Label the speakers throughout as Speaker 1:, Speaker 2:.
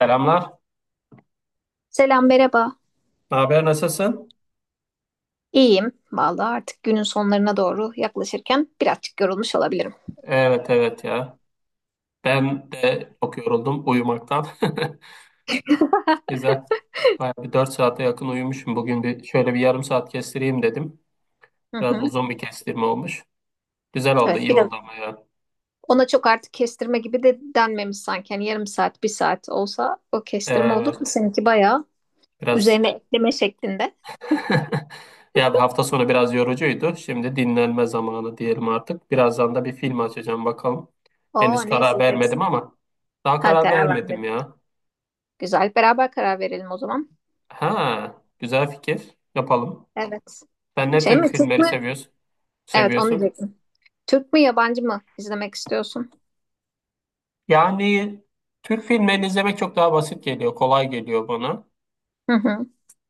Speaker 1: Selamlar.
Speaker 2: Selam, merhaba.
Speaker 1: Ne haber, nasılsın?
Speaker 2: İyiyim. Vallahi artık günün sonlarına doğru yaklaşırken birazcık yorulmuş olabilirim.
Speaker 1: Evet evet ya. Ben de çok yoruldum uyumaktan. Güzel. Bayağı bir 4 saate yakın uyumuşum. Bugün bir şöyle bir yarım saat kestireyim dedim.
Speaker 2: Hı
Speaker 1: Biraz
Speaker 2: hı.
Speaker 1: uzun bir kestirme olmuş. Güzel oldu,
Speaker 2: Evet,
Speaker 1: iyi
Speaker 2: biraz.
Speaker 1: oldu ama ya.
Speaker 2: Ona çok artık kestirme gibi de denmemiş sanki. Yani yarım saat, bir saat olsa o kestirme olur mu?
Speaker 1: Evet.
Speaker 2: Seninki bayağı
Speaker 1: Biraz
Speaker 2: üzerine ekleme şeklinde.
Speaker 1: ya, bir hafta sonu biraz yorucuydu. Şimdi dinlenme zamanı diyelim artık. Birazdan da bir film açacağım bakalım.
Speaker 2: Oo,
Speaker 1: Henüz
Speaker 2: ne
Speaker 1: karar vermedim
Speaker 2: izleyeceksin?
Speaker 1: ama daha
Speaker 2: Ha,
Speaker 1: karar
Speaker 2: karar
Speaker 1: vermedim
Speaker 2: vermedim.
Speaker 1: ya.
Speaker 2: Güzel. Beraber karar verelim o zaman.
Speaker 1: Ha, güzel fikir. Yapalım.
Speaker 2: Evet.
Speaker 1: Sen ne
Speaker 2: Şey
Speaker 1: tür
Speaker 2: mi, Türk
Speaker 1: filmleri
Speaker 2: mü?
Speaker 1: seviyorsun?
Speaker 2: Evet, onu
Speaker 1: Seviyorsun?
Speaker 2: diyecektim. Türk mü, yabancı mı izlemek istiyorsun?
Speaker 1: Yani Türk filmlerini izlemek çok daha basit geliyor, kolay geliyor bana.
Speaker 2: Hı hı.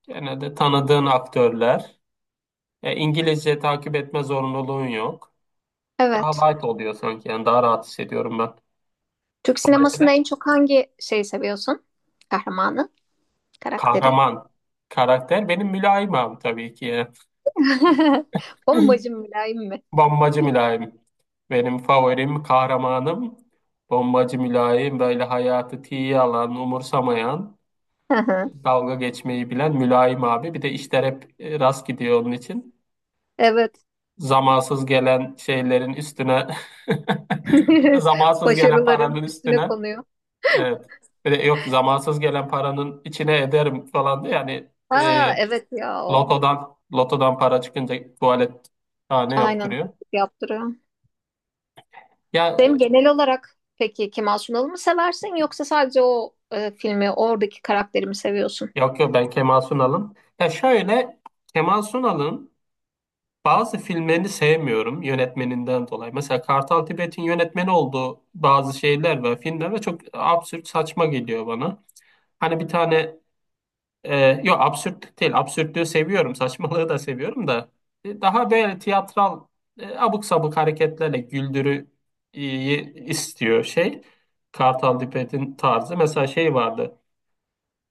Speaker 1: Genelde tanıdığın aktörler. İngilizce takip etme zorunluluğun yok.
Speaker 2: Evet.
Speaker 1: Daha light oluyor sanki. Yani daha rahat hissediyorum ben.
Speaker 2: Türk sinemasında
Speaker 1: Dolayısıyla
Speaker 2: en çok hangi şeyi seviyorsun? Kahramanı? Karakteri.
Speaker 1: kahraman karakter benim mülayim abi tabii ki ya.
Speaker 2: Bombacı mülayim mi?
Speaker 1: Bombacı mülayim. Benim favorim, kahramanım. Bombacı mülayim, böyle hayatı tiye alan, umursamayan,
Speaker 2: Hı hı.
Speaker 1: dalga geçmeyi bilen mülayim abi. Bir de işler hep rast gidiyor onun için.
Speaker 2: Evet.
Speaker 1: Zamansız gelen şeylerin üstüne zamansız gelen paranın
Speaker 2: Başarıların üstüne
Speaker 1: üstüne.
Speaker 2: konuyor.
Speaker 1: Evet. Bir de yok, zamansız gelen paranın içine ederim falan diye yani.
Speaker 2: Ha
Speaker 1: e,
Speaker 2: evet ya o.
Speaker 1: lotodan lotodan para çıkınca tuvalet tane
Speaker 2: Aynen
Speaker 1: yaptırıyor.
Speaker 2: yaptırıyor.
Speaker 1: Ya
Speaker 2: Sen genel olarak peki Kemal Sunal'ı mı seversin yoksa sadece o filmi oradaki karakteri mi seviyorsun?
Speaker 1: yok yok, ben Kemal Sunal'ım. Ya şöyle, Kemal Sunal'ın bazı filmlerini sevmiyorum yönetmeninden dolayı. Mesela Kartal Tibet'in yönetmeni olduğu bazı şeyler ve filmler ve çok absürt, saçma geliyor bana. Hani bir tane e, yok, absürt değil. Absürtlüğü seviyorum. Saçmalığı da seviyorum da daha böyle tiyatral, abuk sabuk hareketlerle güldürü istiyor şey. Kartal Tibet'in tarzı. Mesela şey vardı.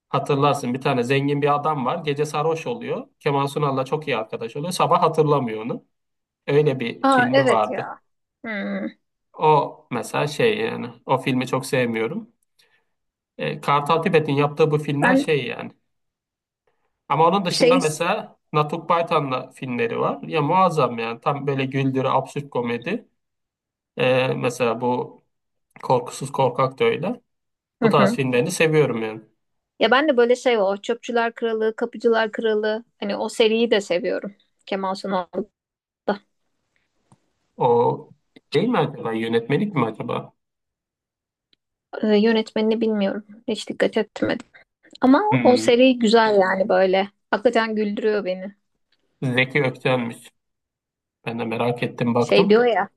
Speaker 1: Hatırlarsın, bir tane zengin bir adam var. Gece sarhoş oluyor. Kemal Sunal'la çok iyi arkadaş oluyor. Sabah hatırlamıyor onu. Öyle bir
Speaker 2: Ha
Speaker 1: filmi
Speaker 2: evet
Speaker 1: vardı.
Speaker 2: ya. Hmm.
Speaker 1: O mesela şey yani, o filmi çok sevmiyorum. Kartal Tibet'in yaptığı bu filmler
Speaker 2: Ben
Speaker 1: şey yani. Ama onun dışında
Speaker 2: şey.
Speaker 1: mesela Natuk Baytan'la filmleri var. Ya muazzam yani, tam böyle güldürü, absürt komedi. Mesela bu Korkusuz Korkak da öyle.
Speaker 2: Hı
Speaker 1: Bu tarz
Speaker 2: hı.
Speaker 1: filmlerini seviyorum yani.
Speaker 2: Ya ben de böyle şey o Çöpçüler Kralı, Kapıcılar Kralı hani o seriyi de seviyorum. Kemal Sunal'da.
Speaker 1: O değil mi acaba, yönetmelik mi acaba?
Speaker 2: Yönetmenini bilmiyorum. Hiç dikkat etmedim. Ama o
Speaker 1: Hmm.
Speaker 2: seri güzel yani böyle. Hakikaten güldürüyor beni.
Speaker 1: Zeki Ökten'miş. Ben de merak ettim,
Speaker 2: Şey
Speaker 1: baktım.
Speaker 2: diyor ya.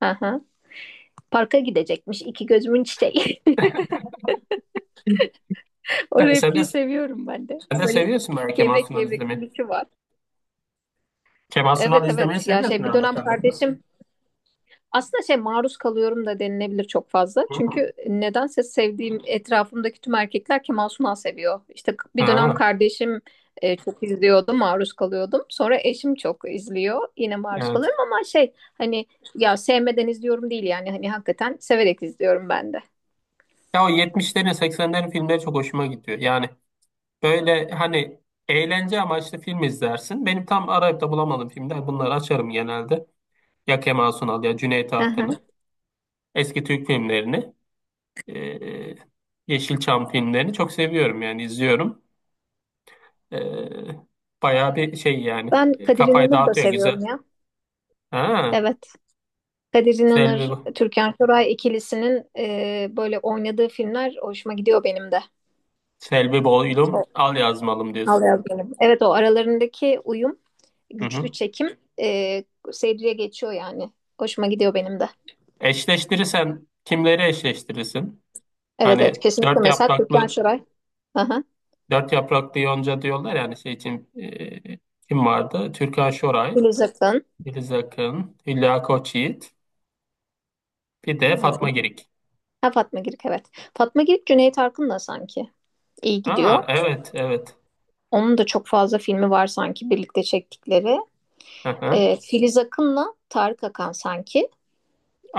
Speaker 2: Aha, parka gidecekmiş iki gözümün çiçeği.
Speaker 1: E,
Speaker 2: O
Speaker 1: sen de,
Speaker 2: repliği seviyorum ben de.
Speaker 1: sen de
Speaker 2: Böyle
Speaker 1: seviyorsun belki
Speaker 2: gevrek
Speaker 1: Mansun
Speaker 2: gevrek
Speaker 1: izlemeyi.
Speaker 2: gülüşü var.
Speaker 1: Kemal
Speaker 2: Evet
Speaker 1: Sunal izlemeyi
Speaker 2: evet ya,
Speaker 1: seviyorsun
Speaker 2: şey, bir
Speaker 1: herhalde
Speaker 2: dönem
Speaker 1: sen de.
Speaker 2: kardeşim. Aslında şey maruz kalıyorum da denilebilir çok fazla.
Speaker 1: Hmm.
Speaker 2: Çünkü nedense sevdiğim etrafımdaki tüm erkekler Kemal Sunal seviyor. İşte bir dönem
Speaker 1: Ha,
Speaker 2: kardeşim çok izliyordu, maruz kalıyordum. Sonra eşim çok izliyor, yine maruz
Speaker 1: evet.
Speaker 2: kalıyorum ama şey hani, ya sevmeden izliyorum değil yani hani hakikaten severek izliyorum ben de.
Speaker 1: Ya o 70'lerin 80'lerin filmleri çok hoşuma gidiyor. Yani böyle, hani eğlence amaçlı film izlersin. Benim tam arayıp da bulamadığım filmler, bunları açarım genelde. Ya Kemal Sunal, ya Cüneyt
Speaker 2: Hı hı.
Speaker 1: Arkın'ı. Eski Türk filmlerini. eee, Yeşilçam filmlerini çok seviyorum yani, izliyorum. Eee bayağı bir şey yani.
Speaker 2: Ben Kadir
Speaker 1: Kafayı
Speaker 2: İnanır'ı da
Speaker 1: dağıtıyor,
Speaker 2: seviyorum
Speaker 1: güzel.
Speaker 2: ya.
Speaker 1: Ha,
Speaker 2: Evet. Kadir
Speaker 1: Selvi,
Speaker 2: İnanır, Türkan Şoray ikilisinin böyle oynadığı filmler hoşuma gidiyor benim de.
Speaker 1: Selvi Boylum
Speaker 2: O-
Speaker 1: Al Yazmalım
Speaker 2: Al
Speaker 1: diyorsun.
Speaker 2: yaz benim. Evet, o aralarındaki uyum,
Speaker 1: Hı
Speaker 2: güçlü
Speaker 1: hı.
Speaker 2: çekim seyirciye geçiyor yani. Hoşuma gidiyor benim de.
Speaker 1: Eşleştirirsen kimleri eşleştirirsin?
Speaker 2: Evet evet,
Speaker 1: Hani
Speaker 2: kesinlikle mesela Türkan Şoray. Aha.
Speaker 1: dört yapraklı yonca diyorlar yani, şey için kim vardı? Türkan Şoray,
Speaker 2: Filiz Akın.
Speaker 1: Filiz Akın, Hülya Koçyiğit, bir de Fatma
Speaker 2: Ee,
Speaker 1: Girik.
Speaker 2: Ha, Fatma Girik evet. Fatma Girik Cüneyt Arkın'la sanki iyi
Speaker 1: Aa,
Speaker 2: gidiyor.
Speaker 1: evet evet.
Speaker 2: Onun da çok fazla filmi var sanki birlikte çektikleri.
Speaker 1: Hı hı.
Speaker 2: Filiz Akın'la Tarık Akan sanki.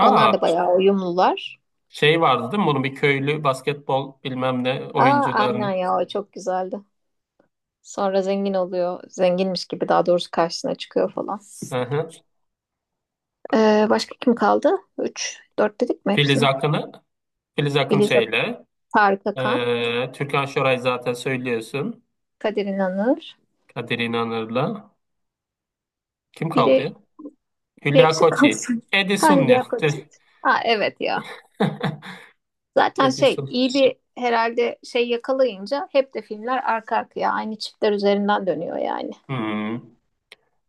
Speaker 2: Onlar da bayağı uyumlular.
Speaker 1: şey vardı değil mi? Bunun bir köylü basketbol bilmem ne
Speaker 2: Aa, aynen
Speaker 1: oyuncularını.
Speaker 2: ya, o çok güzeldi. Sonra zengin oluyor. Zenginmiş gibi, daha doğrusu, karşısına çıkıyor falan.
Speaker 1: Hı hı.
Speaker 2: Başka kim kaldı? Üç 4 dedik mi
Speaker 1: Filiz
Speaker 2: hepsini?
Speaker 1: Akın'ı Filiz Akın
Speaker 2: Filiz Ak-
Speaker 1: şeyle,
Speaker 2: Tarık Akan,
Speaker 1: Türkan Şoray zaten söylüyorsun.
Speaker 2: Kadir İnanır.
Speaker 1: Kadir İnanır'la. Kim kaldı
Speaker 2: Biri,
Speaker 1: ya?
Speaker 2: biri
Speaker 1: Hülya
Speaker 2: eksik
Speaker 1: Koçyiğit.
Speaker 2: kalsın.
Speaker 1: Edison ya.
Speaker 2: Hayriye
Speaker 1: Direkt.
Speaker 2: Koçit. Ha, evet ya. Zaten şey,
Speaker 1: Edison.
Speaker 2: iyi bir herhalde şey yakalayınca hep de filmler arka arkaya aynı çiftler üzerinden dönüyor yani.
Speaker 1: Hmm.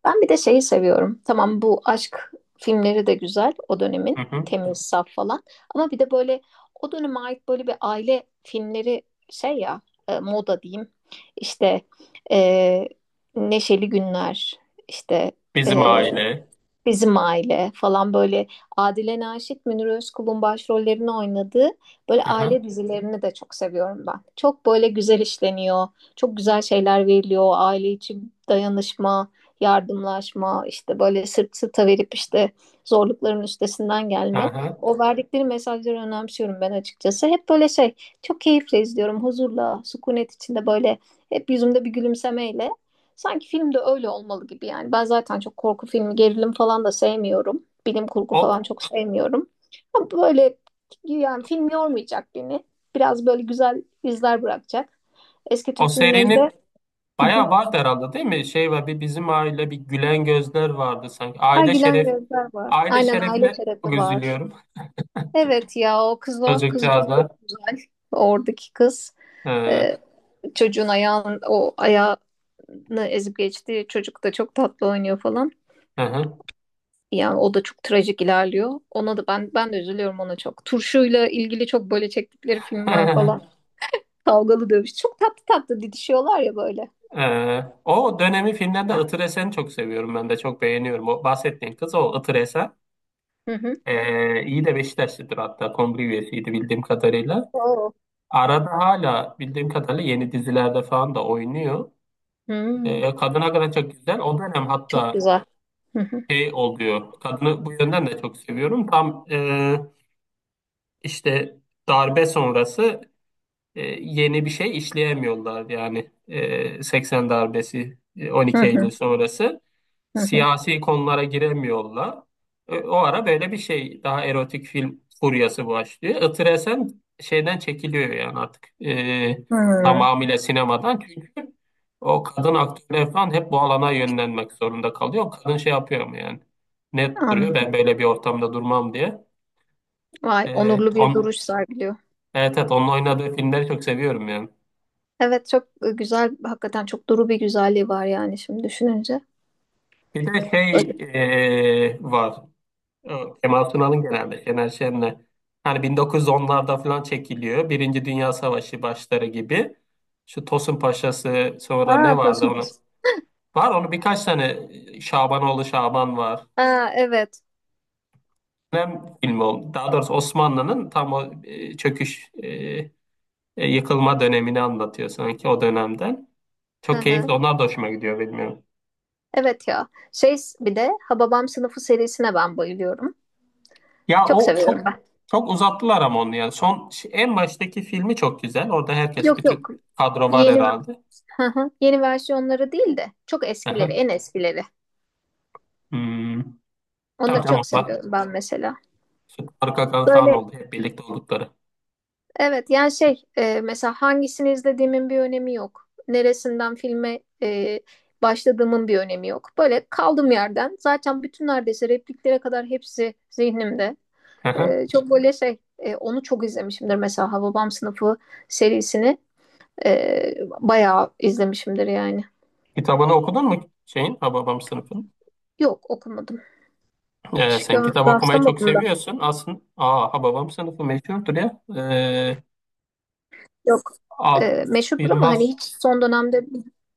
Speaker 2: Ben bir de şeyi seviyorum. Tamam, bu aşk filmleri de güzel, o
Speaker 1: Hı
Speaker 2: dönemin
Speaker 1: hı.
Speaker 2: temiz, saf falan. Ama bir de böyle o döneme ait böyle bir aile filmleri, şey ya, moda diyeyim. İşte e, Neşeli Günler, işte
Speaker 1: Bizim
Speaker 2: e,
Speaker 1: Aile.
Speaker 2: Bizim Aile falan, böyle Adile Naşit, Münir Özkul'un başrollerini oynadığı böyle
Speaker 1: Hı hı.
Speaker 2: aile dizilerini de çok seviyorum ben. Çok böyle güzel işleniyor, çok güzel şeyler veriliyor: aile içi dayanışma, yardımlaşma, işte böyle sırt sırta verip işte zorlukların üstesinden
Speaker 1: Hı
Speaker 2: gelme.
Speaker 1: hı.
Speaker 2: O verdikleri mesajları önemsiyorum ben açıkçası. Hep böyle şey, çok keyifle izliyorum, huzurla, sükunet içinde, böyle hep yüzümde bir gülümsemeyle. Sanki filmde öyle olmalı gibi yani. Ben zaten çok korku filmi, gerilim falan da sevmiyorum. Bilim kurgu falan
Speaker 1: O,
Speaker 2: çok sevmiyorum. Ama böyle, yani, film yormayacak beni. Biraz böyle güzel izler bırakacak. Eski
Speaker 1: o
Speaker 2: Türk filmlerinde.
Speaker 1: serinin
Speaker 2: Hı hı.
Speaker 1: bayağı vardı herhalde değil mi? Şey var, bir Bizim Aile, bir Gülen Gözler vardı sanki.
Speaker 2: Ha, gülen gözler var.
Speaker 1: Aile
Speaker 2: Aynen, aile
Speaker 1: Şerefine çok
Speaker 2: terapi var.
Speaker 1: üzülüyorum.
Speaker 2: Evet ya, o kız o. Kız çok
Speaker 1: Çocukcağızda.
Speaker 2: güzel. Oradaki kız.
Speaker 1: Ee,
Speaker 2: Ee, çocuğun ayağın, o ayağını ezip geçti. Çocuk da çok tatlı oynuyor falan.
Speaker 1: Hı hı.
Speaker 2: Ya, o da çok trajik ilerliyor. Ona da ben de üzülüyorum, ona çok. Turşuyla ilgili çok böyle çektikleri film var falan. Kavgalı dövüş. Çok tatlı tatlı didişiyorlar ya böyle.
Speaker 1: O dönemi filmlerde Itır Esen'i çok seviyorum, ben de çok beğeniyorum. O bahsettiğin kız, o Itır Esen.
Speaker 2: Hı hı.
Speaker 1: İyi de Beşiktaşlıdır, hatta kongre üyesiydi bildiğim kadarıyla.
Speaker 2: Oo.
Speaker 1: Arada hala bildiğim kadarıyla yeni dizilerde falan da oynuyor.
Speaker 2: Hmm,
Speaker 1: Kadına göre çok güzel. O dönem
Speaker 2: çok
Speaker 1: hatta
Speaker 2: güzel. Hı hı.
Speaker 1: şey oluyor. Kadını bu yönden de çok seviyorum. Tam işte darbe sonrası yeni bir şey işleyemiyorlar. Yani 80 darbesi, on
Speaker 2: Hı
Speaker 1: iki Eylül
Speaker 2: hı.
Speaker 1: sonrası.
Speaker 2: Hı hı.
Speaker 1: Siyasi konulara giremiyorlar. O ara böyle bir şey, daha erotik film furyası başlıyor. Itır Esen şeyden çekiliyor yani artık,
Speaker 2: Hı.
Speaker 1: tamamıyla sinemadan, çünkü o kadın aktörler falan hep bu alana yönlenmek zorunda kalıyor. Kadın şey yapıyor mu yani, net duruyor,
Speaker 2: Anladım.
Speaker 1: ben böyle bir ortamda durmam diye.
Speaker 2: Vay,
Speaker 1: E,
Speaker 2: onurlu bir
Speaker 1: on,
Speaker 2: duruş sergiliyor.
Speaker 1: evet evet onun oynadığı filmleri çok seviyorum yani.
Speaker 2: Evet, çok güzel. Hakikaten çok duru bir güzelliği var yani şimdi düşününce.
Speaker 1: Bir de
Speaker 2: Öyle.
Speaker 1: şey var. O Kemal Sunal'ın, genelde Şener Şen'le. Hani 1910'larda falan çekiliyor. Birinci Dünya Savaşı başları gibi. Şu Tosun Paşa'sı, sonra ne
Speaker 2: Ha,
Speaker 1: vardı
Speaker 2: Tosun Paşa.
Speaker 1: onu? Var onu birkaç tane, Şabanoğlu Şaban var.
Speaker 2: Ha, evet.
Speaker 1: Hem film oldu. Daha doğrusu Osmanlı'nın tam o çöküş, yıkılma dönemini anlatıyor sanki, o dönemden.
Speaker 2: Hı
Speaker 1: Çok keyifli.
Speaker 2: hı.
Speaker 1: Onlar da hoşuma gidiyor, bilmiyorum.
Speaker 2: Evet ya. Şey, bir de Hababam Sınıfı serisine ben bayılıyorum.
Speaker 1: Ya
Speaker 2: Çok
Speaker 1: o
Speaker 2: seviyorum
Speaker 1: çok,
Speaker 2: ben.
Speaker 1: çok uzattılar ama onu yani. Son, en baştaki filmi çok güzel. Orada herkes,
Speaker 2: Yok yok.
Speaker 1: bütün kadro var
Speaker 2: Yeni.
Speaker 1: herhalde.
Speaker 2: Hı hı. Yeni versiyonları değil de çok eskileri,
Speaker 1: Aha.
Speaker 2: en eskileri.
Speaker 1: Hmm. Tabii
Speaker 2: Onları
Speaker 1: canım,
Speaker 2: çok
Speaker 1: onlar
Speaker 2: seviyorum ben mesela.
Speaker 1: arka arka falan
Speaker 2: Böyle,
Speaker 1: oldu. Hep birlikte oldukları.
Speaker 2: evet yani şey mesela hangisini izlediğimin bir önemi yok. Neresinden filme başladığımın bir önemi yok. Böyle kaldım yerden. Zaten bütün, neredeyse repliklere kadar hepsi zihnimde.
Speaker 1: Aha.
Speaker 2: Çok böyle şey onu çok izlemişimdir mesela, Hababam Sınıfı serisini e, bayağı izlemişimdir yani.
Speaker 1: Kitabını okudun mu şeyin, Hababam sınıfın?
Speaker 2: Yok, okumadım.
Speaker 1: Ee,
Speaker 2: Hiç
Speaker 1: sen kitap okumayı çok
Speaker 2: rastlamadım.
Speaker 1: seviyorsun. Aslında, aa, Hababam Sınıfı meşhurdur ya.
Speaker 2: Yok,
Speaker 1: Atıf
Speaker 2: meşhurdur ama hani
Speaker 1: Yılmaz.
Speaker 2: hiç son dönemde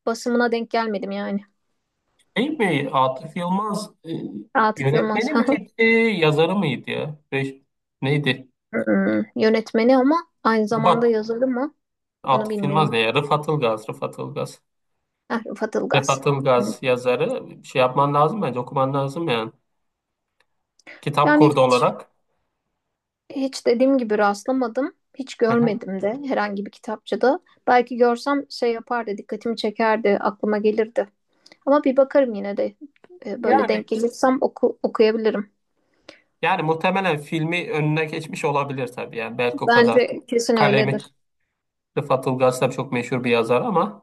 Speaker 2: basımına denk gelmedim yani.
Speaker 1: Şey mi? Atıf Yılmaz
Speaker 2: Atıf Yılmaz.
Speaker 1: yönetmeni miydi? Yazarı mıydı ya? Neydi?
Speaker 2: Yönetmeni ama aynı zamanda
Speaker 1: Rıfat.
Speaker 2: yazarı mı, onu
Speaker 1: Atıf Yılmaz ne
Speaker 2: bilmiyorum.
Speaker 1: ya? Rıfat Ilgaz. Rıfat Ilgaz.
Speaker 2: Heh, Rıfat Ilgaz.
Speaker 1: Rıfat Ilgaz
Speaker 2: Hı.
Speaker 1: yazarı. Şey yapman lazım bence. Okuman lazım yani. Kitap
Speaker 2: Yani
Speaker 1: kurdu
Speaker 2: hiç,
Speaker 1: olarak.
Speaker 2: hiç dediğim gibi rastlamadım. Hiç
Speaker 1: Hı hı.
Speaker 2: görmedim de herhangi bir kitapçıda. Belki görsem şey yapardı, dikkatimi çekerdi, aklıma gelirdi. Ama bir bakarım yine de. Böyle denk
Speaker 1: Yani
Speaker 2: gelirsem, okuyabilirim.
Speaker 1: yani muhtemelen filmi önüne geçmiş olabilir tabii, yani belki o kadar.
Speaker 2: Bence kesin
Speaker 1: Kalemi,
Speaker 2: öyledir.
Speaker 1: Rıfat Ilgaz tabii çok meşhur bir yazar ama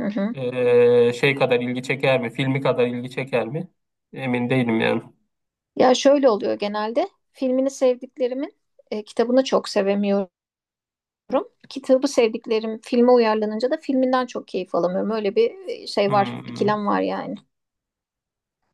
Speaker 2: Hı hı.
Speaker 1: şey kadar ilgi çeker mi? Filmi kadar ilgi çeker mi? Emin değilim yani.
Speaker 2: Ya, şöyle oluyor genelde. Filmini sevdiklerimin kitabını çok sevemiyorum. Kitabı sevdiklerim filme uyarlanınca da filminden çok keyif alamıyorum. Öyle bir şey var,
Speaker 1: Hmm.
Speaker 2: ikilem var yani.